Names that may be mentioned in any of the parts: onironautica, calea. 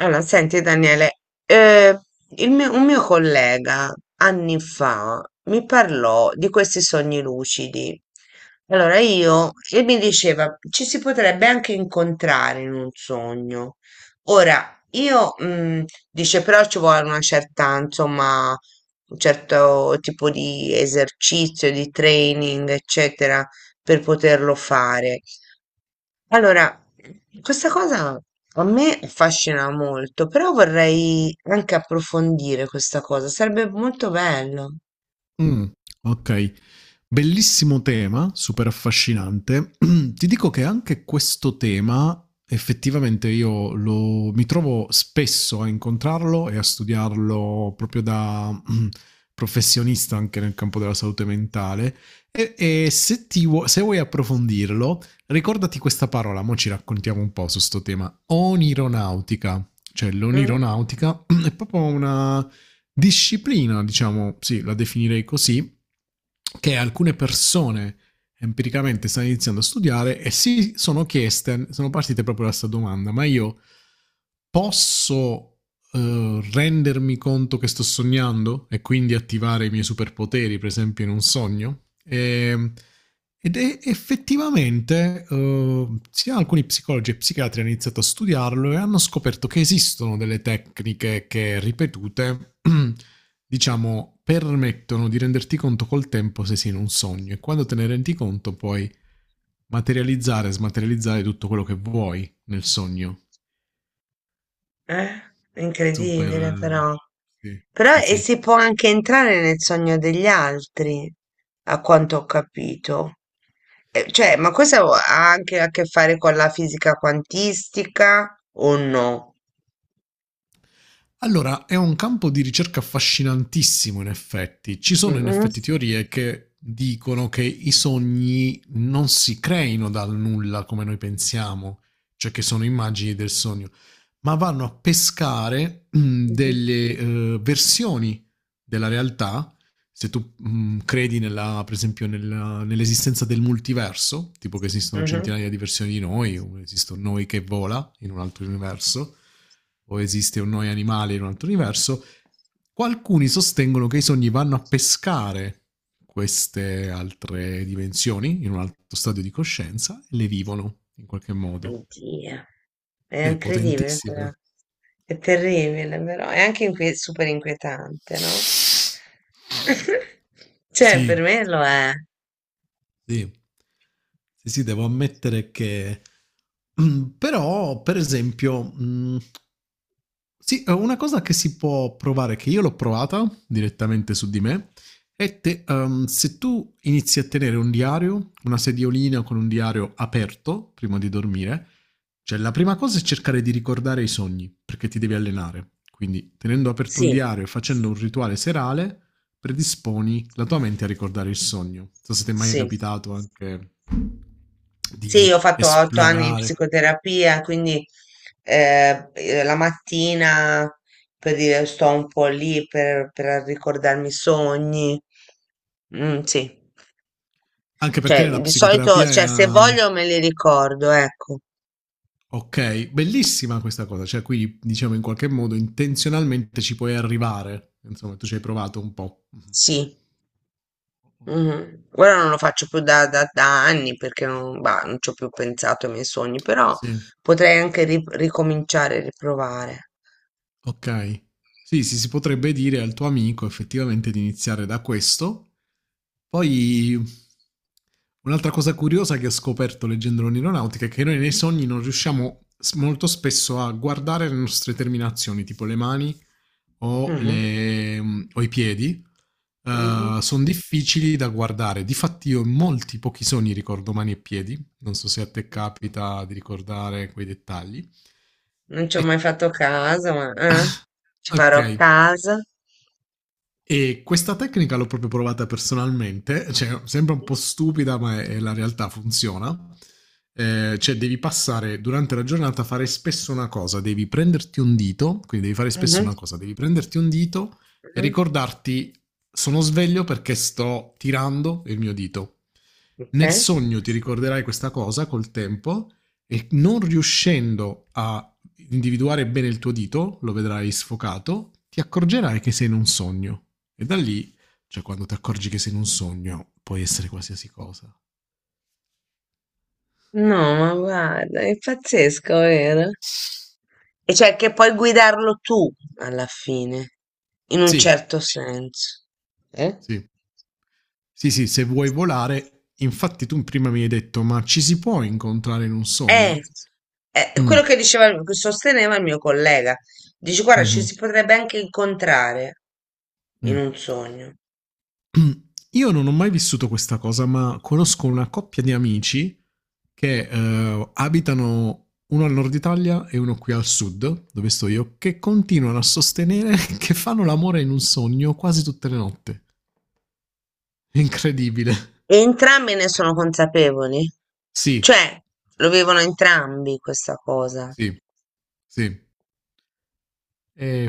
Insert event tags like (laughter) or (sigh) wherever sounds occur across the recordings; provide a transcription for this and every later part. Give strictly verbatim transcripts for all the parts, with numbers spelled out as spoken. Allora, senti Daniele, eh, il mio- un mio collega anni fa mi parlò di questi sogni lucidi. Allora io, e mi diceva, ci si potrebbe anche incontrare in un sogno. Ora, io, mm, dice, però ci vuole una certa, insomma, un certo tipo di esercizio, di training, eccetera, per poterlo fare. Allora, questa cosa a me affascina molto, però vorrei anche approfondire questa cosa, sarebbe molto bello. Mh, okay. Bellissimo tema, super affascinante. (clears throat) Ti dico che anche questo tema effettivamente io lo mi trovo spesso a incontrarlo e a studiarlo proprio da, mhmm, professionista anche nel campo della salute mentale e e se ti vuo se vuoi approfondirlo, ricordati questa parola, mo' ci raccontiamo un po' su 'sto tema: onironautica. Cioè Mm? l'onironautica (clears throat) è proprio una disciplina, diciamo, sì, la definirei così, che alcune persone empiricamente stanno iniziando a studiare e si sono chieste, sono partite proprio da questa domanda, ma io posso eh, rendermi conto che sto sognando e quindi attivare i miei superpoteri, per esempio, in un sogno? E, ed è effettivamente eh, sia alcuni psicologi e psichiatri hanno iniziato a studiarlo e hanno scoperto che esistono delle tecniche che ripetute (clears throat) (coughs) diciamo, permettono di renderti conto col tempo se sei in un sogno e quando te ne rendi conto puoi materializzare e smaterializzare tutto quello che vuoi nel sogno. Eh? Super. Incredibile, però. eh, Però Sì, sì, e sì. si può anche entrare nel sogno degli altri, a quanto ho capito. Eh, cioè, ma questo ha anche a che fare con la fisica quantistica o no? Allora, è un campo di ricerca affascinantissimo in effetti. Ci sono in Mm-mm. effetti teorie che dicono che i sogni non si creino dal nulla come noi pensiamo, cioè che sono immagini del sogno, ma vanno a pescare mm, Mhm. delle eh, versioni della realtà se tu mh, credi nella, per esempio nella- nell'esistenza del multiverso, tipo che esistono Mhm. centinaia di versioni di noi, o esiste un noi che vola in un altro universo, o esiste un noi animale in un altro universo, qualcuni sostengono che i sogni vanno a pescare queste altre dimensioni in un altro stadio di coscienza e le vivono in qualche modo. Oddio, è È incredibile, però. potentissimo. È terribile, però è anche inquie- super inquietante, no? (laughs) Cioè, per Sì, me lo è. sì. Sì, sì, devo ammettere che (clears throat) però per esempio, mhmm, sì, ehm, una cosa che si può provare, che io l'ho provata direttamente su di me, è te ehm, se tu inizi a tenere un diario, una sediolina con un diario aperto prima di dormire, cioè la prima cosa è cercare di ricordare i sogni, perché ti devi allenare. Quindi tenendo aperto un Sì, diario e facendo un rituale serale predisponi la tua mente a ricordare il sogno. Non so se ti è mai sì. capitato anche Sì, di io ho fatto otto anni di esplorare, psicoterapia, quindi eh, eh, la mattina per dire, sto un po' lì per, per ricordarmi i sogni. Mm, sì, anche perché cioè nella di solito, psicoterapia è... cioè, se Uh, voglio me li ricordo, ecco, ok, bellissima questa cosa, cioè qui diciamo in qualche modo intenzionalmente ci puoi arrivare, insomma tu ci hai provato un po'. Mhm. sì. Mhm. Ora non lo faccio più da, da- da anni perché non, bah, non ci ho più pensato ai miei sogni, però Sì. potrei anche ri- ricominciare, riprovare. Okay. Sì, sì, si potrebbe dire al tuo amico effettivamente di iniziare da questo. Poi un'altra cosa curiosa che ho scoperto leggendo l'onironautica è che noi nei sogni non riusciamo s- molto spesso a guardare le nostre terminazioni, tipo le mani o, Mhm, le- mm, o i piedi mhm. sono difficili da guardare. Difatti, io in molti pochi sogni ricordo mani e piedi. Non so se a te capita di ricordare quei dettagli. Non ci ho mai E- fatto caso, ma eh, ci ok, farò caso. e questa tecnica l'ho proprio provata personalmente, cioè sembra un po' stupida, ma è, è la realtà funziona. Eh, cioè devi passare durante la giornata a fare spesso una cosa, devi prenderti un dito, quindi devi fare spesso Mhm, una cosa, devi prenderti un dito e mhm. ricordarti sono sveglio perché sto tirando il mio dito. Ok. Nel sogno ti ricorderai questa cosa col tempo e non riuscendo a individuare bene il tuo dito, lo vedrai sfocato, ti accorgerai che sei in un sogno. E da lì, cioè quando ti accorgi che sei in un sogno, puoi essere qualsiasi cosa. No, ma guarda, è pazzesco, vero? E cioè che puoi guidarlo tu alla fine, in un Sì, certo senso. Eh? sì. Sì, sì, se vuoi volare, infatti tu prima mi hai detto, ma ci si può incontrare in un Eh, sogno? è Mm, quello che diceva, il- che sosteneva il mio collega. Dice, guarda, ci mhm, si potrebbe anche incontrare in mm. un sogno. (clears throat) Io non ho mai vissuto questa cosa, ma conosco una coppia di amici che eh, abitano uno al nord Italia e uno qui al sud, dove sto io, che continuano a sostenere (laughs) che fanno l'amore in un sogno quasi tutte le notti. È incredibile. E entrambi ne sono consapevoli. Sì, Cioè, lo vivono entrambi questa cosa. sì, sì. È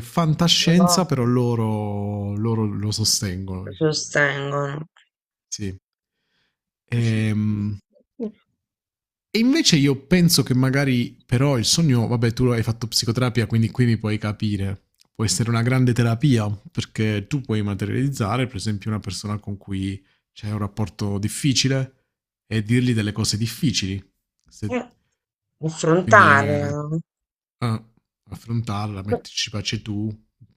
Però fantascienza, però loro, loro lo sostengono, diciamo. sostengono. Sì. Ehm, E invece io penso che magari però il sogno, vabbè tu hai fatto psicoterapia, quindi qui mi puoi capire, può essere una grande terapia, perché tu puoi materializzare per esempio una persona con cui c'è un rapporto difficile e dirgli delle cose difficili. Se- Eh, quindi affrontarla, eh, no? ah, affrontarla, metterci pace tu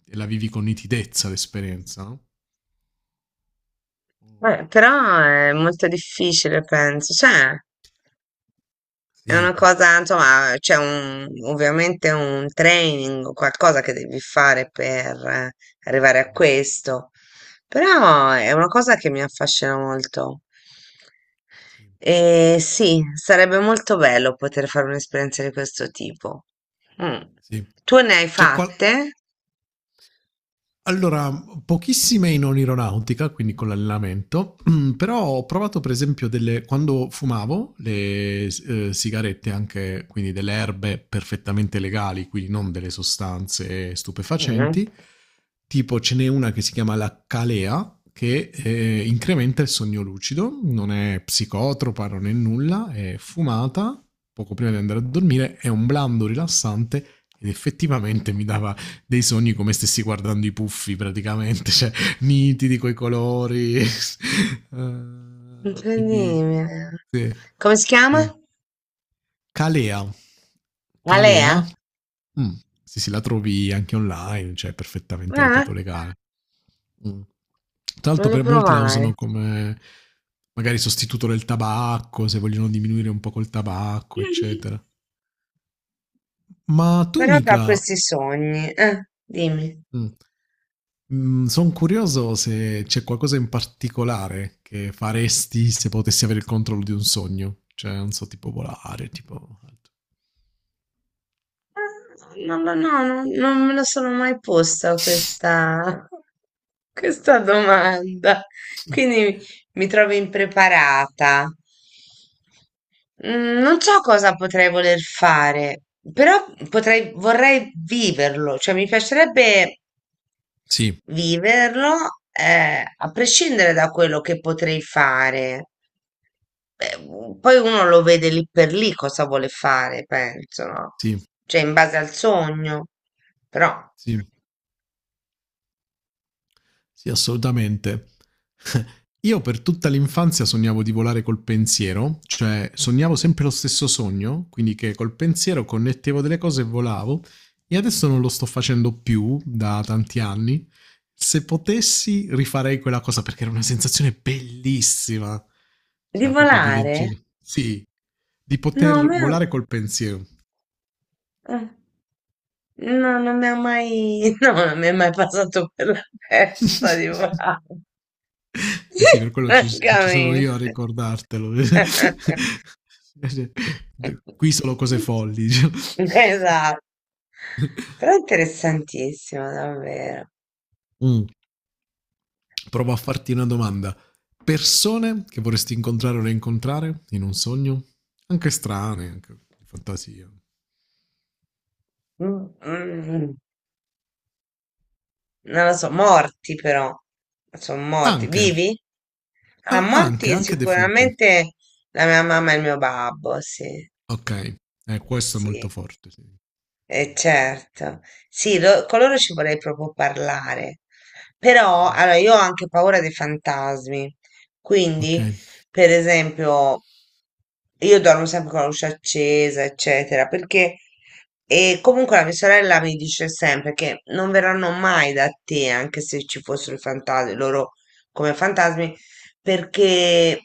e la vivi con nitidezza l'esperienza, no? Eh, però è molto difficile, penso. Cioè, è Sì, una cosa, insomma, c'è un, ovviamente un training o qualcosa che devi fare per eh, arrivare a questo, però è una cosa che mi affascina molto. sì, E sì, sarebbe molto bello poter fare un'esperienza di questo tipo. Mm. sì. Tu ne hai C'è qual- fatte? Allora, pochissime in aeronautica, quindi con l'allenamento, mm, però ho provato per esempio delle, quando fumavo le eh, sigarette, anche quindi delle erbe perfettamente legali, quindi non delle sostanze Mm. stupefacenti, tipo ce n'è una che si chiama la calea, che eh, incrementa il sogno lucido, non è psicotropa, non è nulla, è fumata poco prima di andare a dormire, è un blando rilassante ed effettivamente mi dava dei sogni come stessi guardando i puffi praticamente, cioè nitidi coi colori. (laughs) Eh, quindi Incredibile. sì, Come si chiama? sì. Calea. Alea? Calea. Mm, sì, sì, la trovi anche online, cioè perfettamente, Eh, ripeto, legale. Mm. Tra l'altro voglio per molti la usano provare. come magari sostituto del tabacco, se vogliono diminuire un po' col tabacco, eccetera. (laughs) Ma tu, Però da Nicla, questi sogni, eh, dimmi. mh. Mhmm, son curioso se c'è qualcosa in particolare che faresti se potessi avere il controllo di un sogno. Cioè, non so, tipo volare, tipo alt. Eh, Non lo, no, non, non me lo sono mai posta questa, (laughs) questa domanda, Mh. quindi mi trovo impreparata. Mm, non so cosa potrei voler fare, però potrei, vorrei viverlo, cioè mi piacerebbe Sì, viverlo, eh, a prescindere da quello che potrei fare, eh, u- poi uno lo vede lì per lì cosa vuole fare, penso, no? sì, Cioè, in base al sogno, però sì. Sì, assolutamente. (laughs) Io per tutta l'infanzia sognavo di volare col pensiero, cioè sognavo sempre lo stesso sogno, quindi che col pensiero connettevo delle cose e volavo, e adesso non lo sto facendo più da tanti anni. Se potessi rifarei quella cosa perché era una sensazione bellissima, di cioè proprio di volare? leggere, sì, di No, a poter me- volare col pensiero. eh, no, non mi ha mai, (laughs) no, non mi è mai passato per la testa di (laughs) volare, (laughs) Eh sì, per (laughs) quello ci, ci sono francamente. io a ricordartelo. (laughs) (laughs) Cioè, d- qui solo cose folli, diciamo. Esatto. (laughs) Però è interessantissimo, davvero. Mm, provo a farti una domanda. Persone che vorresti incontrare o rincontrare in un sogno? Anche strane, anche di fantasia. Mm, mm, mm. Non lo so, morti però. Sono morti. Anche, Vivi? Ah, ah, anche, morti anche defunti. sicuramente la mia mamma e il mio babbo, sì, Ok, eh, questo è molto sì. forte. Sì. Eh, certo, sì, lo- con loro ci vorrei proprio parlare, però allora, io ho anche paura dei fantasmi, Ok. quindi per esempio io dormo sempre con la luce accesa, eccetera, perché e comunque la mia sorella mi dice sempre che non verranno mai da te, anche se ci fossero i fantasmi, loro come fantasmi, perché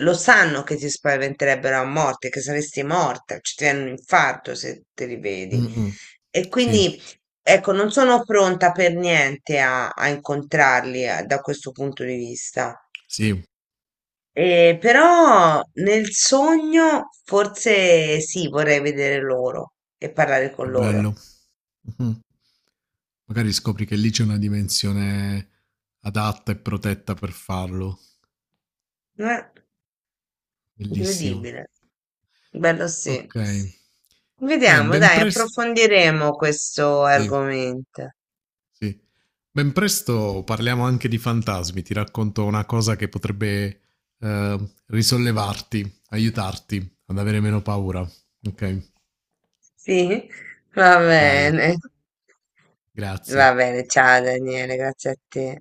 lo sanno che ti spaventerebbero a morte, che saresti morta, ci ti viene un infarto se te li vedi. Mm-mm. E Sì, quindi, ecco, non sono pronta per niente a, a incontrarli eh, da questo punto di vista. sì, Eh, però nel sogno forse sì, vorrei vedere loro e parlare che con loro. bello. Mh-mh. Magari scopri che lì c'è una dimensione adatta e protetta per farlo. Eh, Bellissimo. incredibile. Bello sì. Okay. Beh, Vediamo, ben dai, pres approfondiremo questo sì, argomento. sì. Ben presto parliamo anche di fantasmi. Ti racconto una cosa che potrebbe, ehm, risollevarti, aiutarti ad avere meno paura. Okay? Sì, va Dai, bene. Va grazie. bene, ciao Daniele, grazie a te.